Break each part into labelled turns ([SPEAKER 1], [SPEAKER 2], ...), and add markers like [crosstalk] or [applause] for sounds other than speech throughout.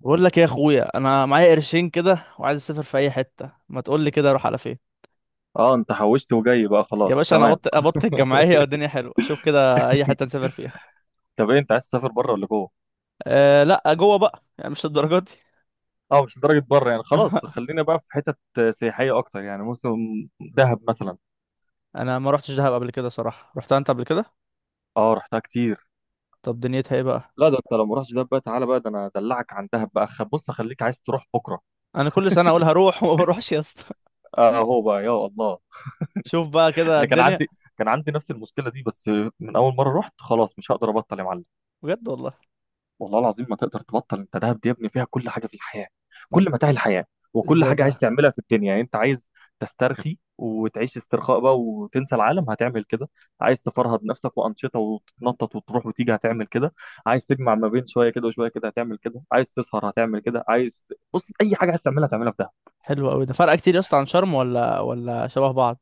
[SPEAKER 1] بقول لك إيه يا اخويا، انا معايا قرشين كده وعايز اسافر في اي حته. ما تقول لي كده اروح على فين؟
[SPEAKER 2] اه انت حوشت وجاي بقى،
[SPEAKER 1] يا
[SPEAKER 2] خلاص،
[SPEAKER 1] باشا انا
[SPEAKER 2] تمام.
[SPEAKER 1] ابط الجمعيه والدنيا حلوه. شوف كده اي حته نسافر فيها.
[SPEAKER 2] طب ايه، انت عايز تسافر بره ولا جوه؟
[SPEAKER 1] أه لا، جوه بقى، يعني مش للدرجه دي.
[SPEAKER 2] اه، مش لدرجه بره يعني، خلاص
[SPEAKER 1] [laughs]
[SPEAKER 2] خلينا بقى في حتت سياحيه اكتر يعني، موسم. دهب مثلا.
[SPEAKER 1] انا ما روحتش دهب قبل كده صراحه، رحتها انت قبل كده؟
[SPEAKER 2] اه رحتها كتير.
[SPEAKER 1] طب دنيتها ايه بقى؟
[SPEAKER 2] لا ده انت لو ما رحتش دهب بقى تعالى بقى، ده انا ادلعك عن دهب بقى، بص اخليك عايز تروح بكره.
[SPEAKER 1] انا كل سنه اقول هروح وما بروحش يا اسطى. [laughs]
[SPEAKER 2] اه هو بقى، يا الله.
[SPEAKER 1] شوف بقى كده
[SPEAKER 2] انا كان
[SPEAKER 1] الدنيا.
[SPEAKER 2] عندي كان عندي نفس المشكله دي، بس من اول مره رحت خلاص مش هقدر ابطل يا معلم.
[SPEAKER 1] بجد والله.
[SPEAKER 2] والله العظيم ما تقدر تبطل، انت دهب دي يا ابني فيها كل حاجه في الحياه،
[SPEAKER 1] ما-
[SPEAKER 2] كل متاع الحياه. وكل
[SPEAKER 1] ازاي
[SPEAKER 2] حاجه عايز
[SPEAKER 1] بقى؟
[SPEAKER 2] تعملها في الدنيا، يعني انت عايز تسترخي وتعيش استرخاء بقى وتنسى العالم، هتعمل كده. عايز تفرهد نفسك وانشطه وتتنطط وتروح وتيجي، هتعمل كده. عايز تجمع ما بين شويه كده وشويه كده، هتعمل كده. عايز تسهر، هتعمل كده. عايز، بص، اي حاجه عايز تعملها هتعملها في دهب.
[SPEAKER 1] حلو قوي. ده فرق كتير يا اسطى عن شرم، ولا شبه بعض؟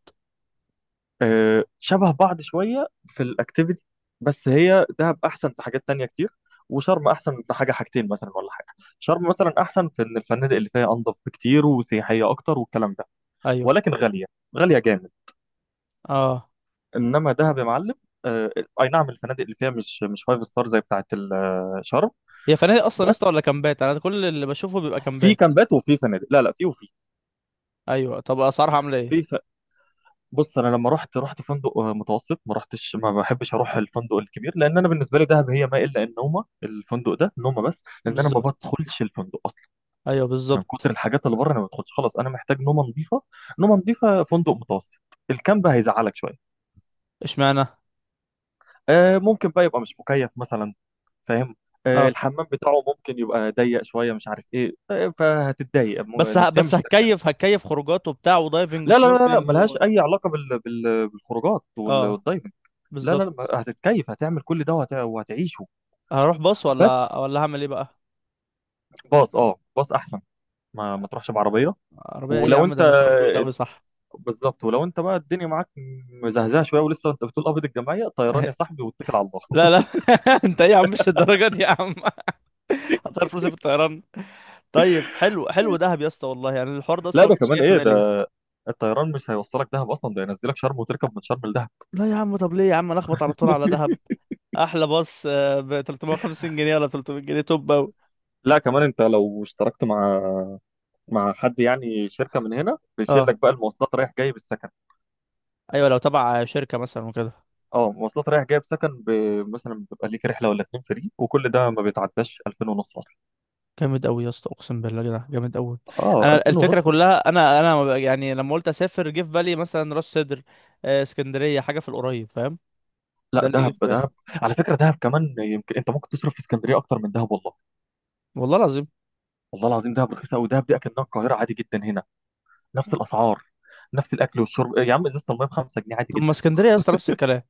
[SPEAKER 2] آه، شبه بعض شوية في الأكتيفيتي، بس هي دهب أحسن في حاجات تانية كتير. وشرم أحسن في حاجة حاجتين مثلا، ولا حاجة. شرم مثلا أحسن في إن الفنادق اللي فيها أنظف بكتير وسياحية أكتر والكلام ده،
[SPEAKER 1] ايوه.
[SPEAKER 2] ولكن غالية. غالية جامد.
[SPEAKER 1] اه.
[SPEAKER 2] إنما دهب يا معلم. آه، أي نعم، الفنادق اللي فيها مش فايف ستار زي بتاعة شرم
[SPEAKER 1] هي فنادق اصلا يا اسطى
[SPEAKER 2] بس
[SPEAKER 1] ولا كامبات؟ انا كل اللي بشوفه بيبقى
[SPEAKER 2] في
[SPEAKER 1] كامبات.
[SPEAKER 2] كامبات وفي فنادق. لا لا، في وفي
[SPEAKER 1] ايوه طب اسعارها عامله ايه؟
[SPEAKER 2] في بص انا لما رحت فندق متوسط. ما رحتش، ما بحبش اروح الفندق الكبير لان انا بالنسبه لي دهب هي ما الا النومه، الفندق ده نومه بس لان انا ما
[SPEAKER 1] بالظبط.
[SPEAKER 2] بدخلش الفندق اصلا.
[SPEAKER 1] ايوه
[SPEAKER 2] من كتر
[SPEAKER 1] بالظبط.
[SPEAKER 2] الحاجات اللي بره انا ما بدخلش خلاص، انا محتاج نومه نظيفه. نومه نظيفه، فندق متوسط. الكامب هيزعلك شويه.
[SPEAKER 1] اشمعنى؟
[SPEAKER 2] ممكن بقى يبقى مش مكيف مثلا، فاهم؟
[SPEAKER 1] اه.
[SPEAKER 2] الحمام بتاعه ممكن يبقى ضيق شويه، مش عارف ايه، فهتتضايق نفسيا،
[SPEAKER 1] بس
[SPEAKER 2] مش هترتاح.
[SPEAKER 1] هتكيف، هتكيف خروجات وبتاع ودايفنج
[SPEAKER 2] لا لا لا لا،
[SPEAKER 1] وسنوركلينج
[SPEAKER 2] ملهاش اي علاقه بالخروجات
[SPEAKER 1] اه
[SPEAKER 2] والدايفنج. لا لا لا،
[SPEAKER 1] بالظبط.
[SPEAKER 2] هتتكيف، هتعمل كل ده وهتعيشه.
[SPEAKER 1] هروح باص ولا
[SPEAKER 2] بس
[SPEAKER 1] هعمل ايه بقى؟
[SPEAKER 2] باص، اه، باص احسن. ما تروحش بعربيه.
[SPEAKER 1] عربيه ايه يا
[SPEAKER 2] ولو
[SPEAKER 1] عم؟
[SPEAKER 2] انت،
[SPEAKER 1] ده مشوار طويل قوي، صح؟
[SPEAKER 2] بالظبط، ولو انت بقى الدنيا معاك مزهزاه شويه ولسه انت بتقول قبض الجمعيه،
[SPEAKER 1] [laughs]
[SPEAKER 2] طيران
[SPEAKER 1] أهي.
[SPEAKER 2] يا صاحبي، واتكل على الله.
[SPEAKER 1] لا لا. [laughs] انت ايه يا عم، مش الدرجه دي يا عم. [laughs] هتعرف فلوسي في الطيران. طيب حلو، حلو دهب يا اسطى والله، يعني الحوار ده
[SPEAKER 2] [laughs] لا
[SPEAKER 1] اصلا ما
[SPEAKER 2] ده
[SPEAKER 1] كانش
[SPEAKER 2] كمان
[SPEAKER 1] جاي في
[SPEAKER 2] ايه
[SPEAKER 1] بالي.
[SPEAKER 2] ده، الطيران مش هيوصلك دهب اصلا، ده ينزلك شرم وتركب من شرم لدهب.
[SPEAKER 1] لا يا عم، طب ليه يا عم؟ انا اخبط على طول على دهب.
[SPEAKER 2] [laughs]
[SPEAKER 1] احلى باص ب 350 جنيه ولا 300 جنيه، توب أوي.
[SPEAKER 2] لا كمان انت لو اشتركت مع، مع حد يعني شركه من هنا، بيشيل
[SPEAKER 1] آه.
[SPEAKER 2] لك بقى المواصلات رايح جاي بالسكن.
[SPEAKER 1] ايوه لو تبع شركه مثلا وكده.
[SPEAKER 2] اه، مواصلات رايح جاي بسكن ب... مثلا بيبقى ليك رحله ولا اتنين فري، وكل ده ما بيتعداش 2000 ونص.
[SPEAKER 1] جامد قوي يا اسطى، اقسم بالله كده جامد قوي.
[SPEAKER 2] اه،
[SPEAKER 1] انا
[SPEAKER 2] 2000
[SPEAKER 1] الفكره
[SPEAKER 2] ونص.
[SPEAKER 1] كلها، انا ما بق- يعني لما قلت اسافر جه في بالي مثلا راس سدر، اسكندريه، حاجه في القريب، فاهم.
[SPEAKER 2] لا،
[SPEAKER 1] ده اللي جه
[SPEAKER 2] دهب
[SPEAKER 1] في بالي.
[SPEAKER 2] دهب. على فكره دهب كمان يمكن انت ممكن تصرف في اسكندريه اكتر من دهب، والله.
[SPEAKER 1] والله العظيم.
[SPEAKER 2] والله العظيم دهب رخيصه قوي، دهب دي اكنها القاهره، عادي جدا هنا، نفس الاسعار، نفس الاكل والشرب يا عم. ازازه الميه ب 5 جنيه، عادي
[SPEAKER 1] طب ما
[SPEAKER 2] جدا.
[SPEAKER 1] اسكندريه يا اسطى نفس الكلام.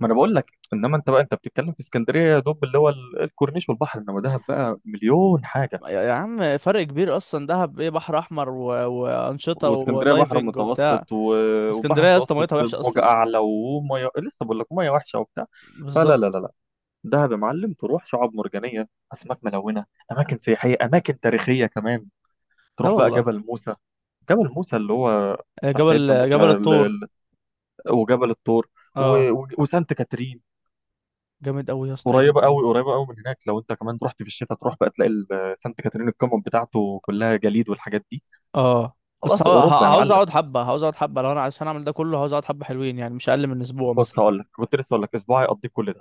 [SPEAKER 2] ما انا بقول لك، انما انت بقى انت بتتكلم في اسكندريه يا دوب اللي هو الكورنيش والبحر، انما دهب بقى مليون حاجه.
[SPEAKER 1] يا عم فرق كبير اصلا، دهب ايه، بحر احمر وانشطه
[SPEAKER 2] واسكندريه بحر
[SPEAKER 1] ودايفنج وبتاع.
[SPEAKER 2] متوسط و- وبحر
[SPEAKER 1] اسكندريه يا اسطى
[SPEAKER 2] متوسط،
[SPEAKER 1] ميتها وحشه
[SPEAKER 2] موجه
[SPEAKER 1] اصلا.
[SPEAKER 2] اعلى وميه، لسه بقول لك ميه وحشه وبتاع. فلا لا
[SPEAKER 1] بالظبط.
[SPEAKER 2] لا، دهب يا معلم، تروح شعاب مرجانية، أسماك ملونة، أماكن سياحية، أماكن تاريخية كمان.
[SPEAKER 1] ده
[SPEAKER 2] تروح بقى
[SPEAKER 1] والله.
[SPEAKER 2] جبل موسى. جبل موسى اللي هو بتاع سيدنا
[SPEAKER 1] جبل
[SPEAKER 2] موسى
[SPEAKER 1] جبل الطور.
[SPEAKER 2] وجبل الطور و-
[SPEAKER 1] اه.
[SPEAKER 2] و- وسانت كاترين.
[SPEAKER 1] جامد قوي يا اسطى، يا دين
[SPEAKER 2] قريبة
[SPEAKER 1] أمي.
[SPEAKER 2] قوي قريبة قوي من هناك، لو أنت كمان رحت في الشتاء تروح بقى تلاقي سانت كاترين، القمم بتاعته كلها جليد والحاجات دي.
[SPEAKER 1] اه بس
[SPEAKER 2] خلاص، أوروبا يا
[SPEAKER 1] عاوز
[SPEAKER 2] معلم.
[SPEAKER 1] اقعد حبه، عاوز اقعد حبه، لو انا عشان اعمل ده كله عاوز اقعد حبه حلوين، يعني مش اقل من اسبوع مثلا.
[SPEAKER 2] بص هقول لك، كنت لسه هقول لك أسبوع هيقضيك كل ده.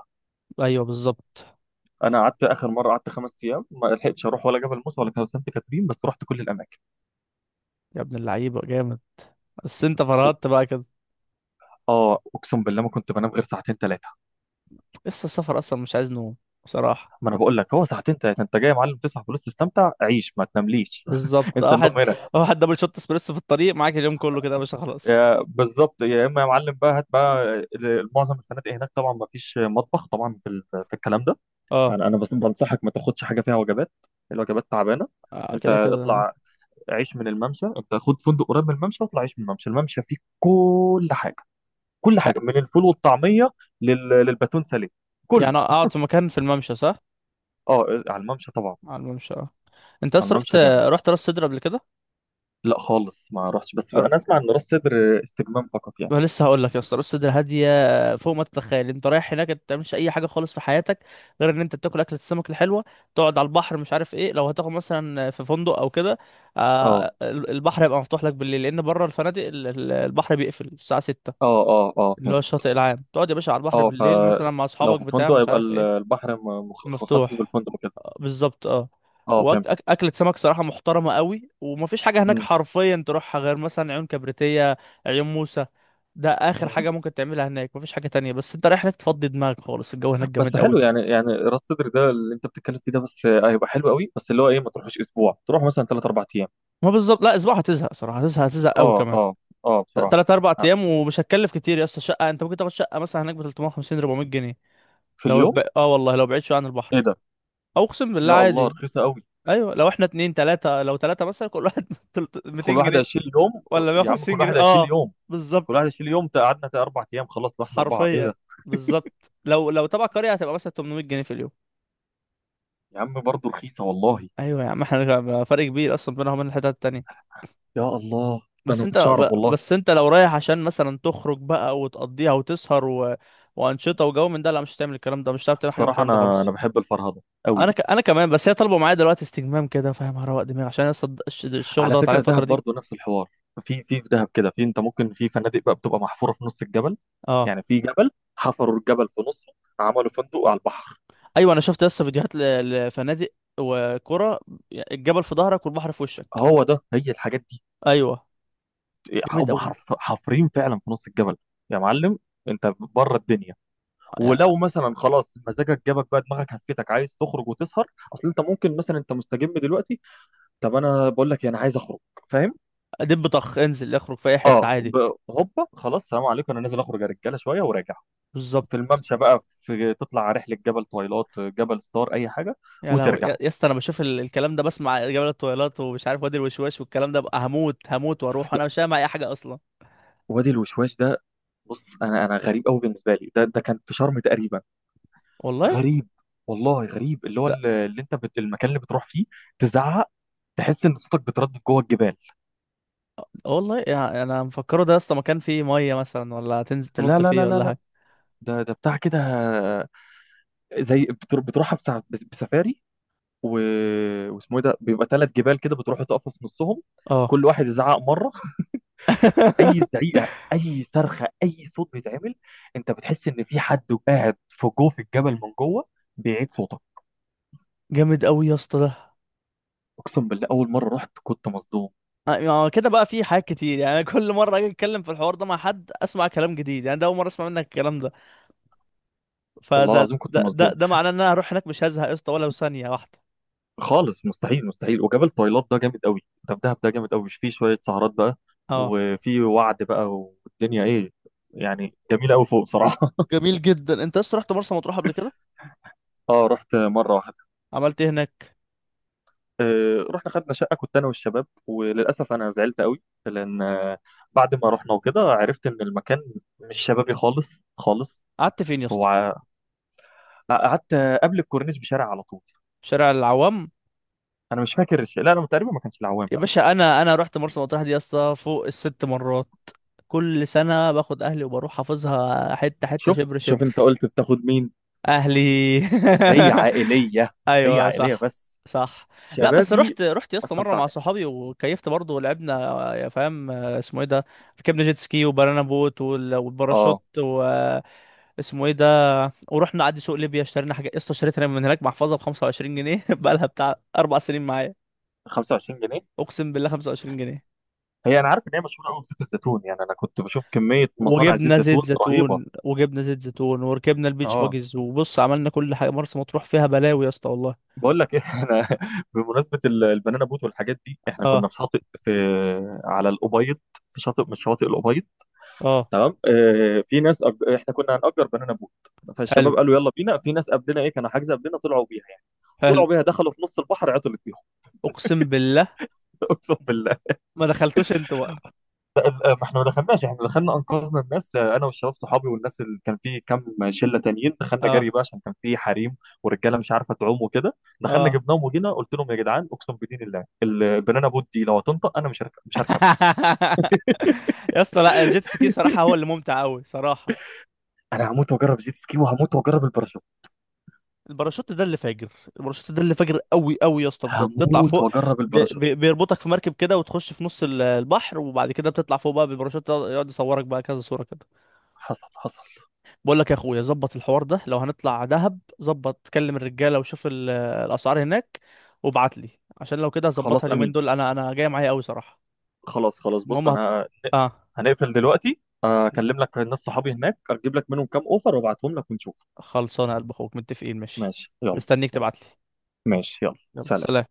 [SPEAKER 1] ايوه بالظبط.
[SPEAKER 2] أنا قعدت آخر مرة، قعدت 5 أيام ما لحقتش أروح ولا جبل موسى ولا سانت كاترين، بس رحت كل الأماكن.
[SPEAKER 1] يا ابن اللعيبه جامد. بس انت فرهدت بقى كده.
[SPEAKER 2] اه اقسم بالله ما كنت بنام غير ساعتين ثلاثه.
[SPEAKER 1] لسه السفر اصلا مش عايز نوم، بصراحه.
[SPEAKER 2] ما انا بقول لك، هو ساعتين ثلاثه. انت جاي يا معلم تصحى، فلوس، تستمتع، عيش، ما تنامليش. [laughs]
[SPEAKER 1] بالظبط.
[SPEAKER 2] انسى
[SPEAKER 1] واحد
[SPEAKER 2] النوم هنا.
[SPEAKER 1] دبل شوت اسبريسو في الطريق معاك، اليوم كله كده يا باشا، خلاص.
[SPEAKER 2] بالظبط، يا اما يا معلم بقى، هات بقى. معظم الفنادق هناك طبعا ما فيش مطبخ طبعا في في الكلام ده.
[SPEAKER 1] اه.
[SPEAKER 2] يعني انا بس بنصحك ما تاخدش حاجه فيها وجبات، الوجبات تعبانه. انت
[SPEAKER 1] كده كده اه.
[SPEAKER 2] اطلع عيش من الممشى. انت خد فندق قريب من الممشى واطلع عيش من الممشى، الممشى فيه كل حاجه. كل
[SPEAKER 1] يع-
[SPEAKER 2] حاجه، من الفول والطعميه للباتون ساليه، كله.
[SPEAKER 1] يعني اقعد في مكان في الممشى، صح؟
[SPEAKER 2] اه، على الممشى طبعا.
[SPEAKER 1] على الممشى اه. انت
[SPEAKER 2] على
[SPEAKER 1] اصلا رحت،
[SPEAKER 2] الممشى جامد.
[SPEAKER 1] رحت راس سدر قبل كده؟
[SPEAKER 2] لا خالص ما رحتش، بس انا اسمع ان راس سدر استجمام فقط يعني.
[SPEAKER 1] ما لسه هقول لك يا اسطى راس صدر هاديه فوق ما تتخيل. انت رايح هناك انت ما بتعملش اي حاجه خالص في حياتك، غير ان انت بتاكل اكله السمك الحلوه، تقعد على البحر، مش عارف ايه. لو هتاخد مثلا في فندق او كده،
[SPEAKER 2] اه
[SPEAKER 1] البحر هيبقى مفتوح لك بالليل، لان بره الفنادق البحر بيقفل الساعه 6،
[SPEAKER 2] اه اه اه،
[SPEAKER 1] اللي هو
[SPEAKER 2] فهمت.
[SPEAKER 1] الشاطئ العام، تقعد يا باشا على البحر
[SPEAKER 2] اه،
[SPEAKER 1] بالليل مثلا مع
[SPEAKER 2] فلو
[SPEAKER 1] اصحابك
[SPEAKER 2] في
[SPEAKER 1] بتاع
[SPEAKER 2] فندق
[SPEAKER 1] مش
[SPEAKER 2] يبقى
[SPEAKER 1] عارف ايه.
[SPEAKER 2] البحر مخصص
[SPEAKER 1] مفتوح.
[SPEAKER 2] بالفندق وكده.
[SPEAKER 1] بالظبط اه.
[SPEAKER 2] اه فهمت.
[SPEAKER 1] واكلة سمك صراحة محترمة قوي. ومفيش حاجة هناك
[SPEAKER 2] مم.
[SPEAKER 1] حرفيا تروحها غير مثلا عيون كبريتية، عيون موسى. ده اخر
[SPEAKER 2] مم.
[SPEAKER 1] حاجة ممكن تعملها هناك، مفيش حاجة تانية، بس انت رايح هناك تفضي دماغك خالص، الجو هناك
[SPEAKER 2] بس
[SPEAKER 1] جامد
[SPEAKER 2] حلو
[SPEAKER 1] قوي.
[SPEAKER 2] يعني راس سدر ده اللي انت بتتكلم فيه ده، بس هيبقى حلو قوي، بس اللي هو ايه، ما تروحوش اسبوع، تروح مثلا ثلاث اربع ايام.
[SPEAKER 1] ما بالظبط. لا اسبوع هتزهق صراحة، هتزهق، هتزهق قوي
[SPEAKER 2] اه
[SPEAKER 1] كمان.
[SPEAKER 2] اه اه، بصراحه.
[SPEAKER 1] تلات اربع
[SPEAKER 2] آه،
[SPEAKER 1] ايام ومش هتكلف كتير يا اسطى. شقة، انت ممكن تاخد شقة مثلا هناك ب 350 400 جنيه.
[SPEAKER 2] في
[SPEAKER 1] لو
[SPEAKER 2] اليوم؟
[SPEAKER 1] اه والله لو بعيد شوية عن
[SPEAKER 2] ايه
[SPEAKER 1] البحر،
[SPEAKER 2] ده،
[SPEAKER 1] او اقسم بالله
[SPEAKER 2] يا الله
[SPEAKER 1] عادي.
[SPEAKER 2] رخيصه قوي.
[SPEAKER 1] ايوه لو احنا اتنين تلاتة، لو تلاتة مثلا كل واحد، [laughs]
[SPEAKER 2] كل
[SPEAKER 1] 200
[SPEAKER 2] واحد
[SPEAKER 1] جنيه
[SPEAKER 2] هيشيل يوم.
[SPEAKER 1] ولا
[SPEAKER 2] يا عم كل
[SPEAKER 1] 150
[SPEAKER 2] واحد
[SPEAKER 1] جنيه
[SPEAKER 2] هيشيل
[SPEAKER 1] اه.
[SPEAKER 2] يوم. كل واحد
[SPEAKER 1] بالظبط.
[SPEAKER 2] هيشيل يوم، قعدنا 4 ايام خلاص، لو احنا اربعه، ايه
[SPEAKER 1] حرفيا.
[SPEAKER 2] ده.
[SPEAKER 1] بالظبط لو تبع قرية هتبقى مثلا 800 جنيه في اليوم.
[SPEAKER 2] يا عم برضه رخيصه والله.
[SPEAKER 1] ايوه يا عم، احنا فرق كبير اصلا بينها وبين الحتت التانية.
[SPEAKER 2] يا الله، انا
[SPEAKER 1] بس
[SPEAKER 2] ما
[SPEAKER 1] انت
[SPEAKER 2] كنتش اعرف والله.
[SPEAKER 1] بس انت لو رايح عشان مثلا تخرج بقى وتقضيها وتسهر وانشطة وجو من ده، لا مش هتعمل الكلام ده، مش هتعرف تعمل حاجة من
[SPEAKER 2] بصراحه
[SPEAKER 1] الكلام ده
[SPEAKER 2] انا
[SPEAKER 1] خالص.
[SPEAKER 2] بحب الفرهده
[SPEAKER 1] انا
[SPEAKER 2] قوي.
[SPEAKER 1] انا كمان، بس هي طالبه معايا دلوقتي استجمام كده، فاهم، هروق دماغي عشان لسه الشغل
[SPEAKER 2] على
[SPEAKER 1] ضغط عليا
[SPEAKER 2] فكره دهب
[SPEAKER 1] الفترة دي.
[SPEAKER 2] برضو نفس الحوار. في دهب كده، في، انت ممكن في فنادق بقى بتبقى محفوره في نص الجبل.
[SPEAKER 1] اه.
[SPEAKER 2] يعني في جبل حفروا الجبل في نصه، عملوا فندق على البحر.
[SPEAKER 1] ايوه انا شفت لسه فيديوهات لفنادق، وكرة، الجبل في ظهرك والبحر في وشك.
[SPEAKER 2] هو ده هي الحاجات دي.
[SPEAKER 1] ايوه. جامد
[SPEAKER 2] هم
[SPEAKER 1] قوي.
[SPEAKER 2] حرف حافرين فعلا في نص الجبل يا معلم. انت بره الدنيا. ولو مثلا خلاص مزاجك جابك بقى، دماغك هفتك عايز تخرج وتسهر، اصل انت ممكن مثلا انت مستجم دلوقتي، طب انا بقول لك إيه، انا عايز اخرج، فاهم؟
[SPEAKER 1] ادب طخ، انزل اخرج في اي حته عادي.
[SPEAKER 2] هوبا، خلاص، سلام عليكم، انا نازل اخرج يا رجاله شويه وراجع.
[SPEAKER 1] بالظبط.
[SPEAKER 2] في الممشى بقى، في، تطلع على رحله جبل طويلات، جبل ستار، اي حاجه،
[SPEAKER 1] يا لهوي،
[SPEAKER 2] وترجع.
[SPEAKER 1] يا اسطى انا بشوف الكلام ده، بسمع جبل الطويلات ومش عارف وادي الوشواش والكلام ده بقى، هموت، هموت واروح،
[SPEAKER 2] لا.
[SPEAKER 1] انا مش فاهم اي حاجه اصلا.
[SPEAKER 2] وادي الوشواش ده، بص انا غريب قوي بالنسبه لي ده كان في شرم تقريبا.
[SPEAKER 1] والله.
[SPEAKER 2] غريب، والله غريب، اللي هو
[SPEAKER 1] لا
[SPEAKER 2] اللي انت المكان اللي بتروح فيه تزعق، تحس ان صوتك بتردد جوه الجبال.
[SPEAKER 1] والله، يعني انا مفكره ده يا اسطى مكان فيه ميه مثلا، ولا تنزل
[SPEAKER 2] لا
[SPEAKER 1] تنط
[SPEAKER 2] لا
[SPEAKER 1] فيه
[SPEAKER 2] لا لا
[SPEAKER 1] ولا
[SPEAKER 2] لا،
[SPEAKER 1] حاجه.
[SPEAKER 2] ده بتاع كده، زي بتروحها بسفاري و... واسمه ايه ده، بيبقى 3 جبال كده، بتروحوا تقفوا في نصهم،
[SPEAKER 1] اه.
[SPEAKER 2] كل واحد يزعق مره. اي
[SPEAKER 1] [laughs]
[SPEAKER 2] زعيقه، اي صرخه، اي صوت بيتعمل انت بتحس ان في حد قاعد في جوه في الجبل من جوه بيعيد صوتك.
[SPEAKER 1] جامد قوي يا اسطى ده.
[SPEAKER 2] اقسم بالله اول مره رحت كنت مصدوم.
[SPEAKER 1] ما هو كده بقى، في حاجات كتير، يعني أنا كل مره اجي اتكلم في الحوار ده مع حد اسمع كلام جديد، يعني ده اول مره اسمع منك الكلام ده.
[SPEAKER 2] والله
[SPEAKER 1] فده
[SPEAKER 2] العظيم كنت مصدوم
[SPEAKER 1] ده معناه ان انا هروح هناك مش هزهق يا اسطى ولا ثانيه واحده.
[SPEAKER 2] خالص. مستحيل مستحيل. وجبل طويلات ده جامد قوي، ده في دهب ده جامد قوي، فيه شويه سهرات بقى
[SPEAKER 1] اه.
[SPEAKER 2] وفي وعد بقى، والدنيا ايه، يعني جميله قوي فوق صراحه.
[SPEAKER 1] جميل جدا. انت لسه رحت مرسى مطروح قبل كده؟
[SPEAKER 2] [laughs] اه رحت مره واحده.
[SPEAKER 1] عملت ايه هناك؟
[SPEAKER 2] رحنا خدنا شقة كنت أنا والشباب، وللأسف أنا زعلت قوي لأن بعد ما رحنا وكده عرفت إن المكان مش شبابي خالص، خالص.
[SPEAKER 1] قعدت فين يا
[SPEAKER 2] هو
[SPEAKER 1] اسطى؟
[SPEAKER 2] ع- قعدت قبل الكورنيش بشارع على طول.
[SPEAKER 1] شارع العوام؟
[SPEAKER 2] أنا مش فاكر الشيء، لا أنا تقريبا ما كانش العوام،
[SPEAKER 1] يا
[SPEAKER 2] لا.
[SPEAKER 1] باشا انا رحت مرسى مطروح دي يا اسطى فوق الست مرات، كل سنه باخد اهلي وبروح، حافظها حته حته
[SPEAKER 2] شوف
[SPEAKER 1] شبر
[SPEAKER 2] شوف أنت
[SPEAKER 1] شبر.
[SPEAKER 2] قلت بتاخد مين؟
[SPEAKER 1] اهلي.
[SPEAKER 2] هي
[SPEAKER 1] [laughs]
[SPEAKER 2] عائلية. هي
[SPEAKER 1] ايوه
[SPEAKER 2] عائلية
[SPEAKER 1] صح.
[SPEAKER 2] بس،
[SPEAKER 1] صح. لا بس
[SPEAKER 2] شبابي
[SPEAKER 1] رحت، رحت يا
[SPEAKER 2] ما
[SPEAKER 1] اسطى مره مع
[SPEAKER 2] استمتعناش.
[SPEAKER 1] صحابي وكيفت برضه ولعبنا يا فاهم، اسمه ايه ده، ركبنا جيت سكي وبنانا بوت والباراشوت،
[SPEAKER 2] أه،
[SPEAKER 1] اسمه ايه ده، ورحنا نعدي سوق ليبيا، اشترينا حاجه يا اسطى، اشتريت انا من هناك محفظه ب 25 جنيه [laughs] بقى لها بتاع اربع سنين معايا.
[SPEAKER 2] 25 جنيه.
[SPEAKER 1] اقسم بالله 25 جنيه.
[SPEAKER 2] هي أنا عارف إن هي مشهورة قوي بزيت الزيتون، يعني أنا كنت بشوف كمية مصانع
[SPEAKER 1] وجبنا
[SPEAKER 2] زيت
[SPEAKER 1] زيت
[SPEAKER 2] زيتون رهيبة.
[SPEAKER 1] زيتون، وجبنا زيت زيتون وركبنا البيتش
[SPEAKER 2] أه
[SPEAKER 1] باجز وبص عملنا كل حاجه، مرسى مطروح فيها بلاوي يا اسطى والله.
[SPEAKER 2] بقول لك ايه، [laughs] احنا بمناسبه البنانا بوت والحاجات دي، احنا كنا
[SPEAKER 1] اه.
[SPEAKER 2] في شاطئ، في، على الابيض، في شاطئ من شواطئ الابيض،
[SPEAKER 1] اه.
[SPEAKER 2] تمام. اه في ناس احنا كنا هنأجر بنانا بوت،
[SPEAKER 1] حلو.
[SPEAKER 2] فالشباب قالوا يلا بينا. في ناس قبلنا، ايه، كانوا حاجزه قبلنا طلعوا بيها يعني،
[SPEAKER 1] حلو.
[SPEAKER 2] طلعوا بيها دخلوا في نص البحر عطلت بيهم.
[SPEAKER 1] اقسم بالله.
[SPEAKER 2] [laughs] اقسم بالله.
[SPEAKER 1] ما دخلتوش انت بقى؟
[SPEAKER 2] لا، ما احنا ما دخلناش، احنا دخلنا انقذنا الناس، انا والشباب صحابي والناس اللي كان في كام شله تانيين، دخلنا
[SPEAKER 1] اه.
[SPEAKER 2] جري بقى عشان كان في حريم ورجاله مش عارفه تعوم وكده، دخلنا
[SPEAKER 1] اه.
[SPEAKER 2] جبناهم وجينا قلت لهم يا جدعان، اقسم بدين الله البنانا بوت دي لو هتنطق انا مش هركبها.
[SPEAKER 1] [laughs] يا اسطى، لا الجيت سكي صراحه هو اللي ممتع قوي صراحه.
[SPEAKER 2] انا هموت واجرب جيت سكي، وهموت واجرب الباراشوت.
[SPEAKER 1] الباراشوت ده اللي فاجر، الباراشوت ده اللي فاجر قوي قوي يا اسطى بجد، تطلع
[SPEAKER 2] هموت
[SPEAKER 1] فوق،
[SPEAKER 2] واجرب
[SPEAKER 1] بي
[SPEAKER 2] الباراشوت.
[SPEAKER 1] بي بيربطك في مركب كده وتخش في نص البحر، وبعد كده بتطلع فوق بقى بالباراشوت ده، يقعد يصورك بقى كذا صورة كده.
[SPEAKER 2] حصل حصل.
[SPEAKER 1] بقول لك يا اخويا، ظبط الحوار ده، لو هنطلع دهب ظبط، كلم الرجالة وشوف الاسعار هناك وابعت لي، عشان لو كده هظبطها
[SPEAKER 2] خلاص،
[SPEAKER 1] اليومين
[SPEAKER 2] امين.
[SPEAKER 1] دول، انا جاي معايا قوي صراحة.
[SPEAKER 2] خلاص خلاص، بص
[SPEAKER 1] المهم
[SPEAKER 2] انا
[SPEAKER 1] اه.
[SPEAKER 2] هنقفل دلوقتي، اكلم لك الناس صحابي هناك، اجيب لك منهم كام اوفر وابعتهم لك ونشوف.
[SPEAKER 1] خلصانه يا قلب اخوك، متفقين ماشي.
[SPEAKER 2] ماشي يلا.
[SPEAKER 1] مستنيك
[SPEAKER 2] يلا،
[SPEAKER 1] تبعت لي.
[SPEAKER 2] ماشي، يلا
[SPEAKER 1] يلا
[SPEAKER 2] سلام.
[SPEAKER 1] سلام.